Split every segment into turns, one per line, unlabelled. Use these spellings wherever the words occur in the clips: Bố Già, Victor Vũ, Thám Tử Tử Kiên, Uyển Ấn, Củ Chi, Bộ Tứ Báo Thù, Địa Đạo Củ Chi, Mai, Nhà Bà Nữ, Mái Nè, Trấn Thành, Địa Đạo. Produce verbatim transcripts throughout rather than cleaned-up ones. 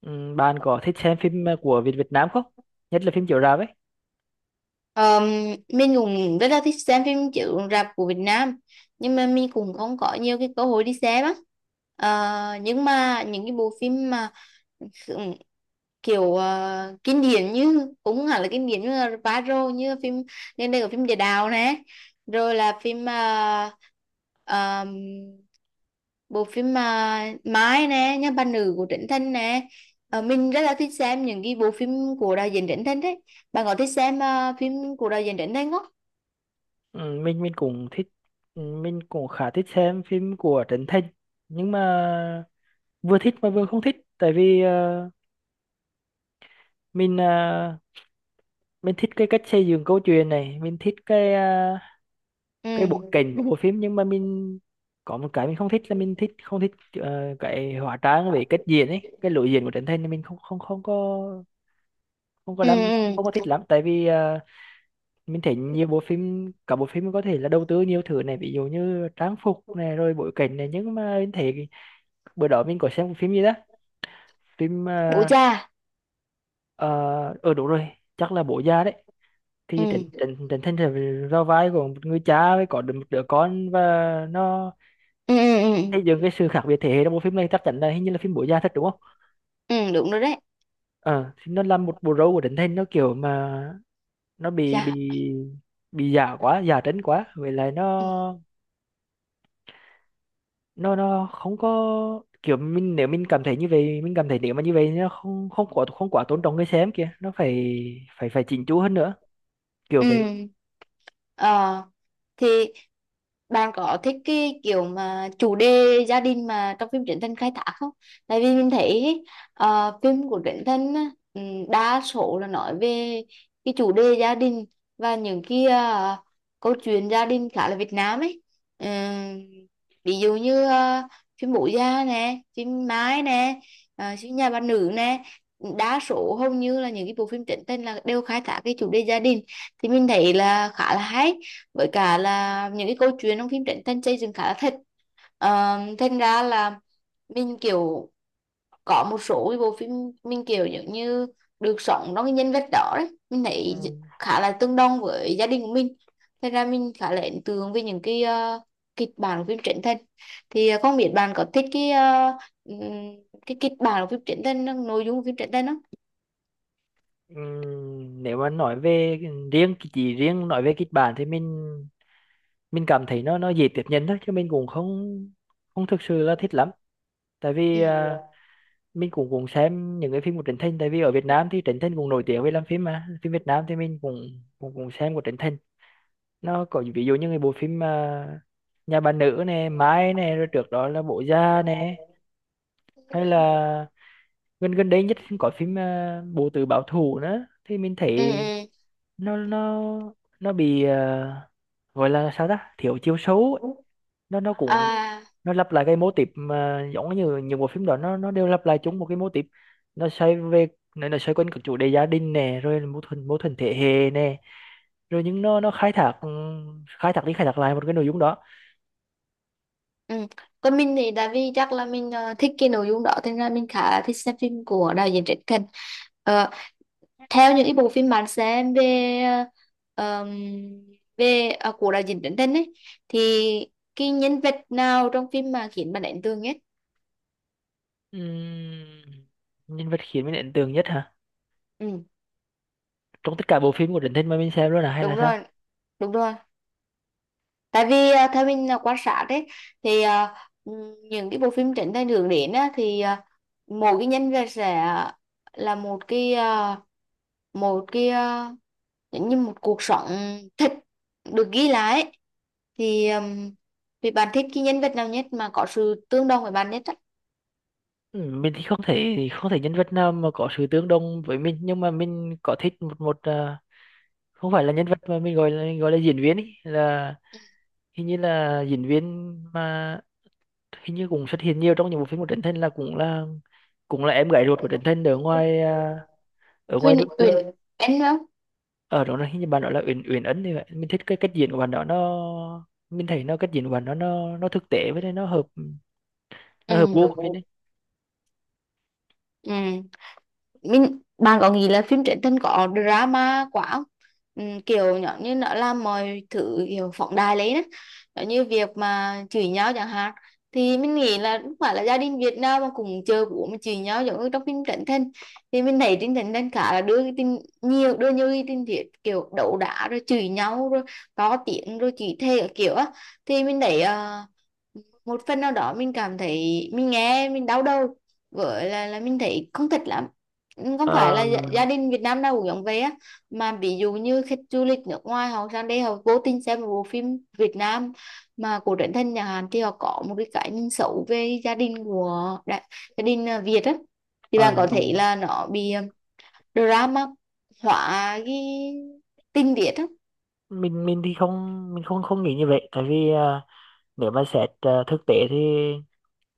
Ừm, bạn có thích xem phim ờ, của Việt Việt Nam không? Nhất là phim chiếu rạp ấy.
Ờ, mình cũng rất là thích xem phim chiếu rạp của Việt Nam, nhưng mà mình cũng không có nhiều cái cơ hội đi xem á. Ờ, nhưng mà những cái bộ phim mà ừ, kiểu ờ, kinh điển, như cũng không hẳn là kinh điển, như là Paro, như phim nên đây có phim Địa Đạo này, rồi là phim ờ, ờm, bộ phim mà Mái nè, Nhà Bà Nữ của Trấn Thành nè. Ờ, mình rất là thích xem những cái bộ phim của đạo diễn Trấn Thành đấy. Bạn có thích xem ờ, phim của đạo diễn Trấn Thành không?
Ừm, mình mình cũng thích, ừm, mình cũng khá thích xem phim của Trấn Thành, nhưng mà vừa thích mà vừa không thích, tại vì ờ, mình ờ, mình thích cái cách xây dựng câu chuyện này, mình thích cái ờ, cái bối
Ừ,
cảnh của bộ phim, nhưng mà mình có một cái mình không thích là mình thích không thích ờ, cái hóa trang về cách diễn ấy, cái lối diễn của Trấn Thành thì mình không không không có, không có
ừ,
đam không có
ừ.
thích lắm, tại vì ờ, mình thấy nhiều bộ phim, cả bộ phim có thể là đầu tư nhiều thứ này, ví dụ như trang phục này rồi bối cảnh này, nhưng mà mình thấy bữa đó mình có xem một phim gì đó. Phim
Ủa
ờ
cha.
uh, ở Đúng rồi, chắc là Bố Già đấy. Thì Trịnh
Ừ,
Trịnh Trịnh Thành là vào vai của một người cha, với có được một đứa con, và nó
ừ, ừ, ừ, ừ.
xây dựng cái sự khác biệt thế hệ trong bộ phim này. Chắc chắn là, hình như là phim Bố Già thật đúng không?
Ừ, đúng rồi đấy.
Ờ thì nó làm một bộ râu của Trịnh Thành nó kiểu mà nó bị bị
Cha.
bị giả quá, giả trấn quá, vậy là nó
Ừ.
nó nó không có kiểu, mình nếu mình cảm thấy như vậy, mình cảm thấy nếu mà như vậy nó không không quá không quá tôn trọng người xem kìa, nó phải phải phải chỉnh chu hơn nữa, kiểu vậy.
Ừ. ờ thì bạn có thích cái kiểu mà chủ đề gia đình mà trong phim Trấn Thành khai thác không? Tại vì mình thấy ý, ờ, phim của Trấn Thành á, ừm, đa số là nói về cái chủ đề gia đình, và những cái ờ, câu chuyện gia đình khá là Việt Nam ấy. Ừm, Ví dụ như ờ, phim Bố Già nè, phim Mái nè, ờ, phim Nhà Bà Nữ nè. Đa số hầu như là những cái bộ phim Trấn Thành là đều khai thác cái chủ đề gia đình, thì mình thấy là khá là hay, với cả là những cái câu chuyện trong phim Trấn Thành xây dựng khá là thật. Ờ, thành ra là mình kiểu có một số cái bộ phim mình kiểu giống như được sống trong cái nhân vật đó đấy, mình thấy
Ừ.
khá là tương đồng với gia đình của mình, thành ra mình khá là ấn tượng với những cái ờ, kịch bản của phim Trấn Thành. Thì ờ, không biết bạn có thích cái ờ, ừm, cái kịch bản của phim Trấn Thành, nội dung của phim Trấn Thành không?
Ừm, nếu mà nói về riêng, chỉ riêng nói về kịch bản, thì mình mình cảm thấy nó nó dễ tiếp nhận thôi, chứ mình cũng không không thực sự là thích lắm, tại
Ừ.
vì à, mình cũng cũng xem những cái phim của Trấn Thành, tại vì ở Việt Nam thì Trấn Thành cũng nổi tiếng về làm phim, mà phim Việt Nam thì mình cũng cũng cũng xem của Trấn Thành. Nó có ví dụ như cái bộ phim mà Nhà Bà Nữ nè, Mai nè, rồi trước đó là Bố Già nè, hay là gần gần đây nhất có phim à, Bộ Tứ Báo Thù nữa, thì mình
Ừ.
thấy
Ừ.
nó nó nó bị à, gọi là sao, ta thiếu chiều sâu ấy. nó nó cũng,
À.
nó lặp lại cái mô típ mà giống như những bộ phim đó, nó nó đều lặp lại chung một cái mô típ. nó xoay về nó nó xoay quanh các chủ đề gia đình nè, rồi mâu thuẫn mâu thuẫn thế hệ nè, rồi nhưng nó nó khai thác, khai thác đi khai thác lại một cái nội dung đó.
Ừ. Còn mình thì tại vì chắc là mình ờ, thích cái nội dung đó, thế nên là mình khá là thích xem phim của đạo diễn Trấn Thành. Ờ, Theo những cái bộ phim bạn xem về ờ, ờm, về ờ, của đạo diễn Trấn Thành ấy, thì cái nhân vật nào trong phim mà khiến bạn ấn tượng nhất?
Ừm, Nhân vật khiến mình ấn tượng nhất hả?
Ừ,
Trong tất cả bộ phim của Trấn Thành mà mình xem luôn à, hay
đúng
là sao?
rồi, đúng rồi. Tại vì ờ, theo mình là quan sát đấy, thì ờ, ừm, những cái bộ phim Trấn Thành hướng đến á, thì ờ, mỗi cái nhân vật sẽ là một cái ờ, một cái ờ, giống như một cuộc sống thật được ghi lại ấy. Thì um, vì bạn thích cái nhân vật nào nhất mà có sự tương đồng với bạn nhất á?
Ừm, mình thì không thể không thể nhân vật nào mà có sự tương đồng với mình, nhưng mà mình có thích một một à, không phải là nhân vật, mà mình gọi là gọi là diễn viên, ý là hình như là diễn viên mà hình như cũng xuất hiện nhiều trong những bộ phim của Trấn Thành, là cũng là cũng là em gái ruột của Trấn Thành ở ngoài, à, ở ngoài
Huyền,
nước nữa.
Huyền em không?
Ở đó là hình như bạn đó là Uyển Uyển Ấn thì vậy. Mình thích cái cách diễn của bạn đó, nó, mình thấy nó, cách diễn của bạn nó nó nó thực tế, với lại nó hợp nó hợp gu của mình
Ừ.
đấy.
Ừ. mình bạn có nghĩ là phim truyện tình có drama quá không? Ừ, kiểu nhỏ như nó làm mọi thứ kiểu phóng đại lấy đó. Giống như việc mà chửi nhau chẳng hạn, thì mình nghĩ là không phải là gia đình Việt Nam mà cũng chơi bố mà chửi nhau giống như trong phim truyện tình. Thì mình thấy trên truyện tình khá là đưa cái tin nhiều, đưa nhiều cái tin thiệt kiểu đấu đá rồi chửi nhau rồi to tiếng rồi chửi thề các kiểu á. Thì mình thấy ờ, một phần nào đó mình cảm thấy mình nghe mình đau đầu, với là là mình thấy không thích lắm. Không phải là
ờ,
gia, gia đình Việt Nam nào cũng giống vậy á, mà ví dụ như khách du lịch nước ngoài họ sang đây, họ vô tình xem một bộ phim Việt Nam mà của Trấn Thành nhà Hàn, thì họ có một cái cái nhìn xấu về gia đình của đại, gia đình à, Việt á. Thì
ờ,
bạn có
ừ.
thể là nó bị à, drama hóa cái tình tiết á?
mình mình thì không, mình không không nghĩ như vậy, tại vì à, nếu mà xét à, thực tế thì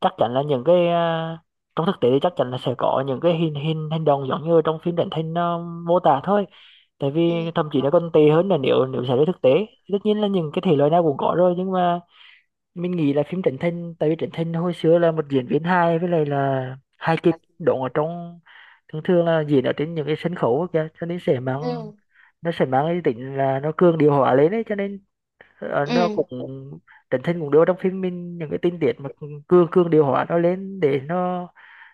chắc chắn là những cái, à, trong thực tế thì chắc chắn là sẽ có những cái hình hình hành động giống như trong phim truyền hình nó mô tả thôi, tại vì
Ừ,
thậm chí nó còn tệ hơn là nếu nếu xảy ra thực tế. Tất nhiên là những cái thể loại nào cũng có rồi, nhưng mà mình nghĩ là phim Trấn Thành, tại vì Trấn Thành hồi xưa là một diễn viên hài, với lại là hài kịch, đóng ở trong, thường thường là diễn ở trên những cái sân khấu á kìa, cho nên sẽ mang,
ừ,
nó sẽ mang cái tính là nó cường điệu hóa lên ấy, cho nên ờ,
ừ,
nó cũng, Trấn Thành cũng đưa vào trong phim mình những cái tình tiết mà cương cương điều hòa nó lên, để nó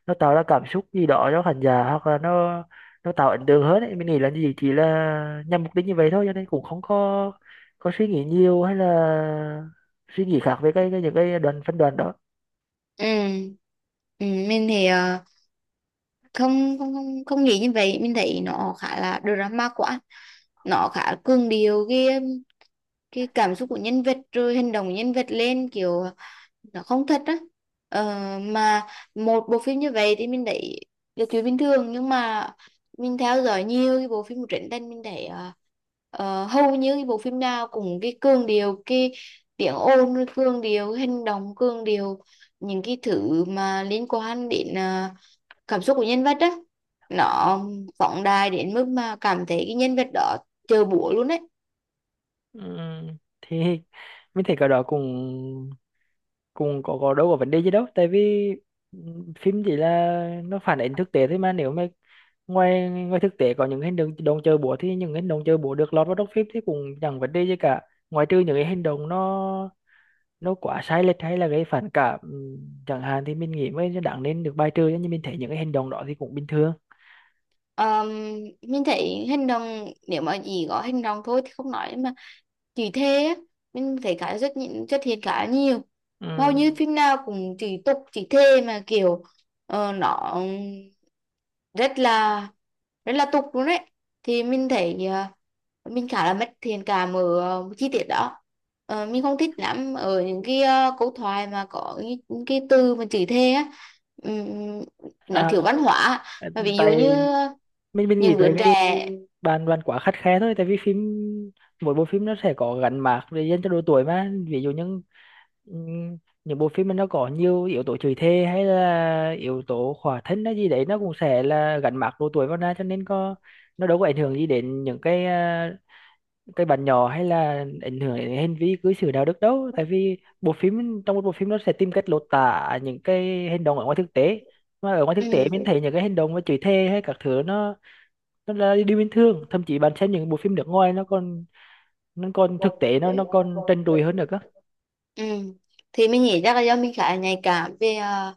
nó tạo ra cảm xúc gì đó cho khán giả, hoặc là nó nó tạo ấn tượng hơn ấy. Mình nghĩ là gì, chỉ là nhằm mục đích như vậy thôi, cho nên cũng không có có suy nghĩ nhiều, hay là suy nghĩ khác về cái, cái những cái đoạn, phân đoạn đó.
ừ, ừ. Mình thì ờ, không không không không nghĩ như vậy, mình thấy nó khá là drama quá, nó khá cường điệu cái cái cảm xúc của nhân vật rồi hành động của nhân vật lên, kiểu nó không thật á. ờ, mà một bộ phim như vậy thì mình thấy là chuyện bình thường, nhưng mà mình theo dõi nhiều cái bộ phim của Trấn Thành, mình thấy ờ, ờ, hầu như cái bộ phim nào cũng cái cường điệu cái tiếng ồn, rồi cường điệu cái hành động, cường điệu những cái thứ mà liên quan đến ờ, cảm xúc của nhân vật á. Nó phóng đại đến mức mà cảm thấy cái nhân vật đó chơi búa luôn đấy.
Ừm, thì mình thấy cái đó cũng cũng có có đâu, có vấn đề gì đâu, tại vì ừ, phim chỉ là nó phản ánh thực tế thôi mà. Nếu mà ngoài, ngoài thực tế có những hành động động chơi búa, thì những hành động chơi búa được lọt vào trong phim thì cũng chẳng vấn đề gì cả. Ngoài trừ những cái hành động nó nó quá sai lệch hay là gây phản cảm ừm, chẳng hạn, thì mình nghĩ mới đáng nên được bài trừ, nhưng mình thấy những cái hành động đó thì cũng bình thường.
Ờm, mình thấy hành động, nếu mà chỉ có hành động thôi thì không nói, mà chỉ thề á mình thấy khá rất nhịn- xuất hiện khá nhiều. Hầu như
Ừm.
phim nào cũng chỉ tục chỉ thề, mà kiểu ờ, nó rất là rất là tục luôn đấy. Thì mình thấy ờ, mình khá là mất thiện cảm ở ờ, chi tiết đó. Ờ, mình không thích lắm ở những cái ờ, câu thoại mà có những, những cái từ mà chửi thề á. Ừm, nó
à,
thiếu văn hóa, mà ví dụ như
tại mình mình nghĩ
những
tại
đứa
vì
trẻ.
bạn bạn quá khắt khe thôi, tại vì phim, mỗi bộ phim nó sẽ có gắn mác để dành cho độ tuổi mà, ví dụ những ừm, những bộ phim mà nó có nhiều yếu tố chửi thề, hay là yếu tố khỏa thân hay gì đấy, nó cũng sẽ là gắn mác độ tuổi vào ra, cho nên có, nó đâu có ảnh hưởng gì đến những cái à, cái bạn nhỏ, hay là ảnh hưởng đến hành vi cư xử đạo đức đâu, tại vì bộ phim, trong một bộ phim nó sẽ tìm cách lột tả những cái hành động ở ngoài thực tế, mà ở ngoài
Ừ.
thực tế mình thấy những cái hành động mà chửi thề hay các thứ, nó nó là điều bình thường. Thậm chí bạn xem những bộ phim nước ngoài nó còn, nó còn thực tế, nó nó còn trần trụi hơn được á.
Ừ. Thì mình nghĩ chắc là do mình khá là nhạy cảm về ờ,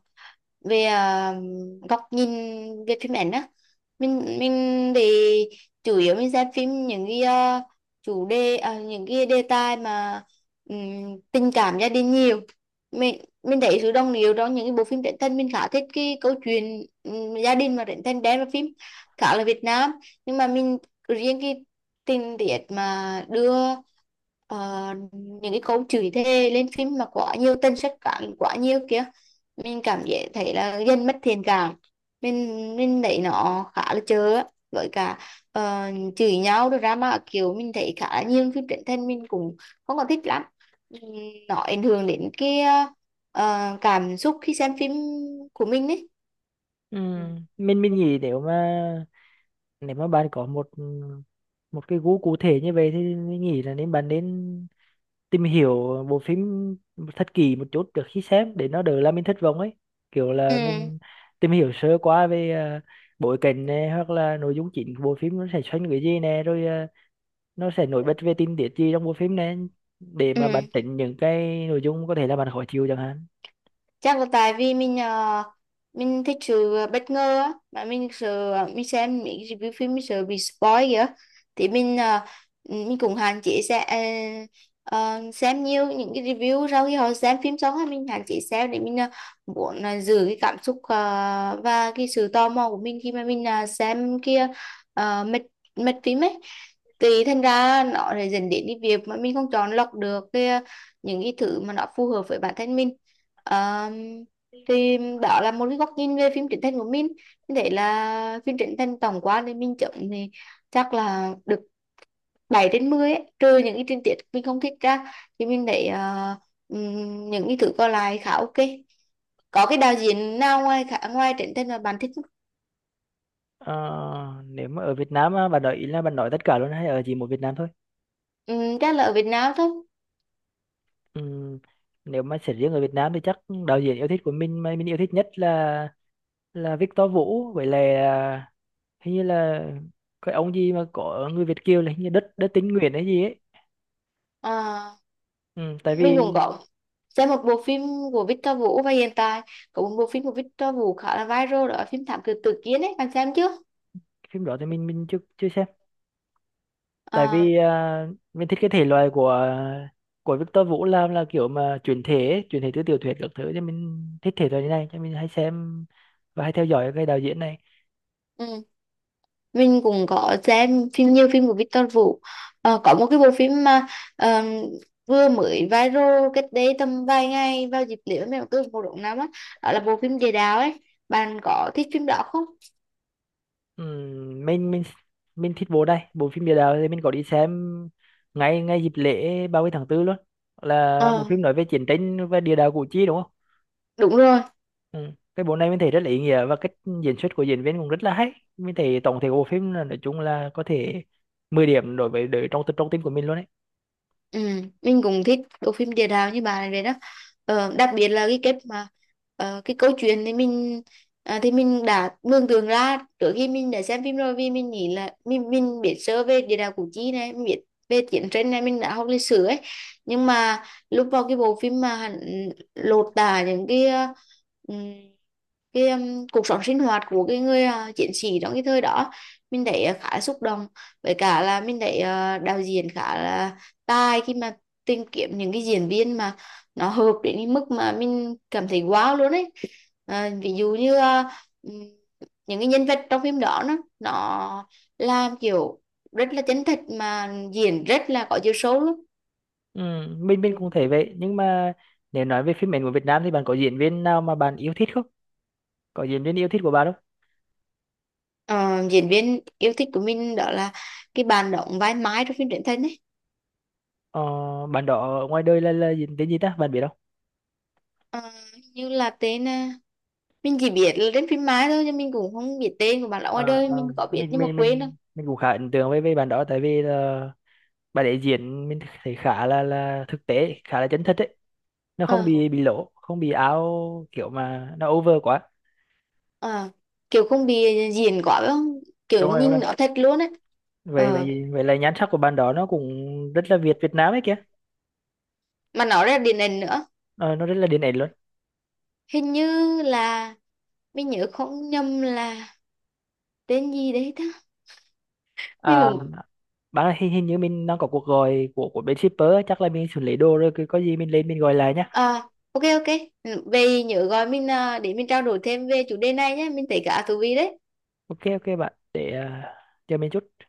về à, góc nhìn về phim ảnh á. Mình mình thì chủ yếu mình xem phim những cái à, chủ đề à, những cái đề tài mà ừm, tình cảm gia đình nhiều. Mình mình thấy sự đồng điệu trong những cái bộ phim truyện thân, mình khá thích cái câu chuyện ừm, gia đình mà truyện thân đem vào phim khá là Việt Nam, nhưng mà mình riêng cái tình tiết mà đưa ờ, những cái câu chửi thề lên phim mà quá nhiều, tên sách cản quá nhiều kia, mình cảm giác thấy là dân mất thiện cảm. Mình mình thấy nó khá là chớ á. Với cả ờ, chửi nhau rồi ra, mà kiểu mình thấy khá là nhiều phim truyền hình mình cũng không có thích lắm. Ừm, nó ảnh hưởng đến cái ờ, cảm xúc khi xem phim của mình ấy.
Ừ. mình mình nghĩ nếu mà, nếu mà bạn có một một cái gu cụ thể như vậy, thì mình nghĩ là nên, bạn nên tìm hiểu bộ phim thật kỹ một chút trước khi xem, để nó đỡ là mình thất vọng ấy, kiểu
Ừ,
là mình tìm hiểu sơ qua về à, bối cảnh này, hoặc là nội dung chính của bộ phim nó sẽ xoay quanh cái gì nè, rồi à, nó sẽ nổi bật về tình tiết gì trong bộ phim này, để
ừ,
mà bạn tránh những cái nội dung có thể là bạn khó chịu chẳng hạn.
chắc là tại vì mình ờ, mình thích sự bất ngờ á, mà mình sợ mình xem mấy review phim mình sợ bị spoil kìa. Thì mình ờ, mình cũng hạn chế sẽ ờ, ờ, xem nhiều những cái review sau khi họ xem phim xong á, mình hạn chế xem để mình ờ, muốn ờ, giữ cái cảm xúc ờ, và cái sự tò mò của mình khi mà mình ờ, xem kia. Uh, mệt, mệt phim ấy. Thì thành ra nó lại dẫn đến cái việc mà mình không chọn lọc được cái, ờ, những cái thứ mà nó phù hợp với bản thân mình. Ờ, thì đó là một cái góc nhìn về phim Trấn Thành của mình. Mình thấy là phim Trấn Thành tổng quan thì mình chấm thì chắc là được bảy trên mười ấy. Trừ những cái tình tiết mình không thích ra, thì mình thấy ờ, ừm, những cái thứ còn lại khá OK. Có cái đạo diễn nào ngoài khá, ngoài Trấn Thành mà bạn thích không?
Ờ, nếu mà ở Việt Nam á, bạn nói ý là bạn nói tất cả luôn, hay ở chỉ một Việt Nam thôi?
Ừm, chắc là ở Việt Nam thôi.
Ừm, Nếu mà sẽ riêng ở Việt Nam thì chắc đạo diễn yêu thích của mình, mà mình yêu thích nhất là là Victor Vũ, với lại à, hình như là cái ông gì mà có người Việt kiều, là hình như đất đất tín Nguyễn hay gì ấy.
Ờ,
Ừm, tại vì
mình cũng có xem một bộ phim của Victor Vũ, và hiện tại có một bộ phim của Victor Vũ khá là viral, đó là phim Thám Tử Tử Kiên ấy, bạn xem chưa?
Phim đó thì mình mình chưa chưa xem, tại
Ờ,
vì à, mình thích cái thể loại của của Victor Vũ làm là kiểu mà chuyển thể ấy, chuyển thể từ tiểu thuyết các thứ, cho mình thích thể loại như này, cho mình hay xem và hay theo dõi cái đạo diễn này.
ừ. Mình cũng có xem phim, nhiều phim của Victor Vũ. Ờ, có một cái bộ phim mà ờ, vừa mới viral cách đây tầm vài ngày vào dịp lễ mẹ cứ một độ năm á, đó là bộ phim Địa Đạo ấy, bạn có thích phim đó không?
Ừm, mình mình mình thích bộ, đây bộ phim Địa Đạo thì mình có đi xem ngay ngay dịp lễ ba mươi tháng tư luôn, là bộ
Ờ,
phim nói về chiến tranh và địa đạo Củ Chi đúng không?
đúng rồi.
Ừ. Cái bộ này mình thấy rất là ý nghĩa, và cách diễn xuất của diễn viên cũng rất là hay. Mình thấy tổng thể của bộ phim là, nói chung là có thể mười điểm, đối với đối trong, trong tim của mình luôn.
Ừ, mình cũng thích bộ phim Địa Đạo như bà này vậy đó. Ờ, đặc biệt là cái kết mà ờ, cái câu chuyện thì mình à, thì mình đã mường tượng ra trước khi mình đã xem phim rồi, vì mình nghĩ là mình mình biết sơ về địa đạo Củ Chi này, mình biết về chiến tranh này, mình đã học lịch sử ấy. Nhưng mà lúc vào cái bộ phim mà hắn lột tả những cái ờ, cái um, cuộc sống sinh hoạt của cái người à, chiến sĩ trong cái thời đó, mình thấy à, khá là xúc động. Với cả là mình thấy à, đạo diễn khá là tài khi mà tìm kiếm những cái diễn viên mà nó hợp đến cái mức mà mình cảm thấy wow luôn ấy. À, ví dụ như à, ừm, những cái nhân vật trong phim đó nó nó làm kiểu rất là chân thật mà diễn rất là có chiều sâu luôn.
Ừ, mình mình cũng thấy vậy, nhưng mà nếu nói về phim ảnh của Việt Nam thì bạn có diễn viên nào mà bạn yêu thích không? Có diễn viên yêu thích của bạn không?
Ờ, Diễn viên yêu thích của mình đó là cái bạn đóng vai Mai trong phim truyện thần ấy.
Ờ, bạn đó ở ngoài đời là là diễn viên gì ta, bạn biết không?
Ờ, Như là tên ờ, mình chỉ biết là trên phim Mai thôi, nhưng mình cũng không biết tên của bạn, lão ngoài
Ờ,
đời
ờ,
mình có biết
mình
nhưng mà
mình
quên đâu.
mình mình cũng khá ấn tượng với với bạn đó, tại vì là bạn ấy diễn mình thấy khá là là thực tế, khá là chân thật ấy, nó không
ờ
bị bị lỗ, không bị áo, kiểu mà nó over quá.
ờ Kiểu không bị diễn quá phải không, kiểu
Đúng rồi, đúng
nhìn
rồi,
nó thật luôn ấy.
vậy
ờ
vậy vậy là nhan sắc của bạn đó nó cũng rất là Việt Việt Nam ấy kìa.
mà nó ra điện ảnh nữa.
Ờ, nó rất là điển hình luôn.
Hình như là mình nhớ không nhầm là tên gì đấy ta. Mình
À
cũng
bạn ơi, hình, hình như mình đang có cuộc gọi của của bên shipper á, chắc là mình xử lý đồ rồi, cứ có gì mình lên mình gọi lại nhá.
ờ OK, OK. Về nhớ gọi mình à, để mình trao đổi thêm về chủ đề này nhé, mình thấy khá thú vị đấy.
Ok ok, bạn để uh, chờ mình chút.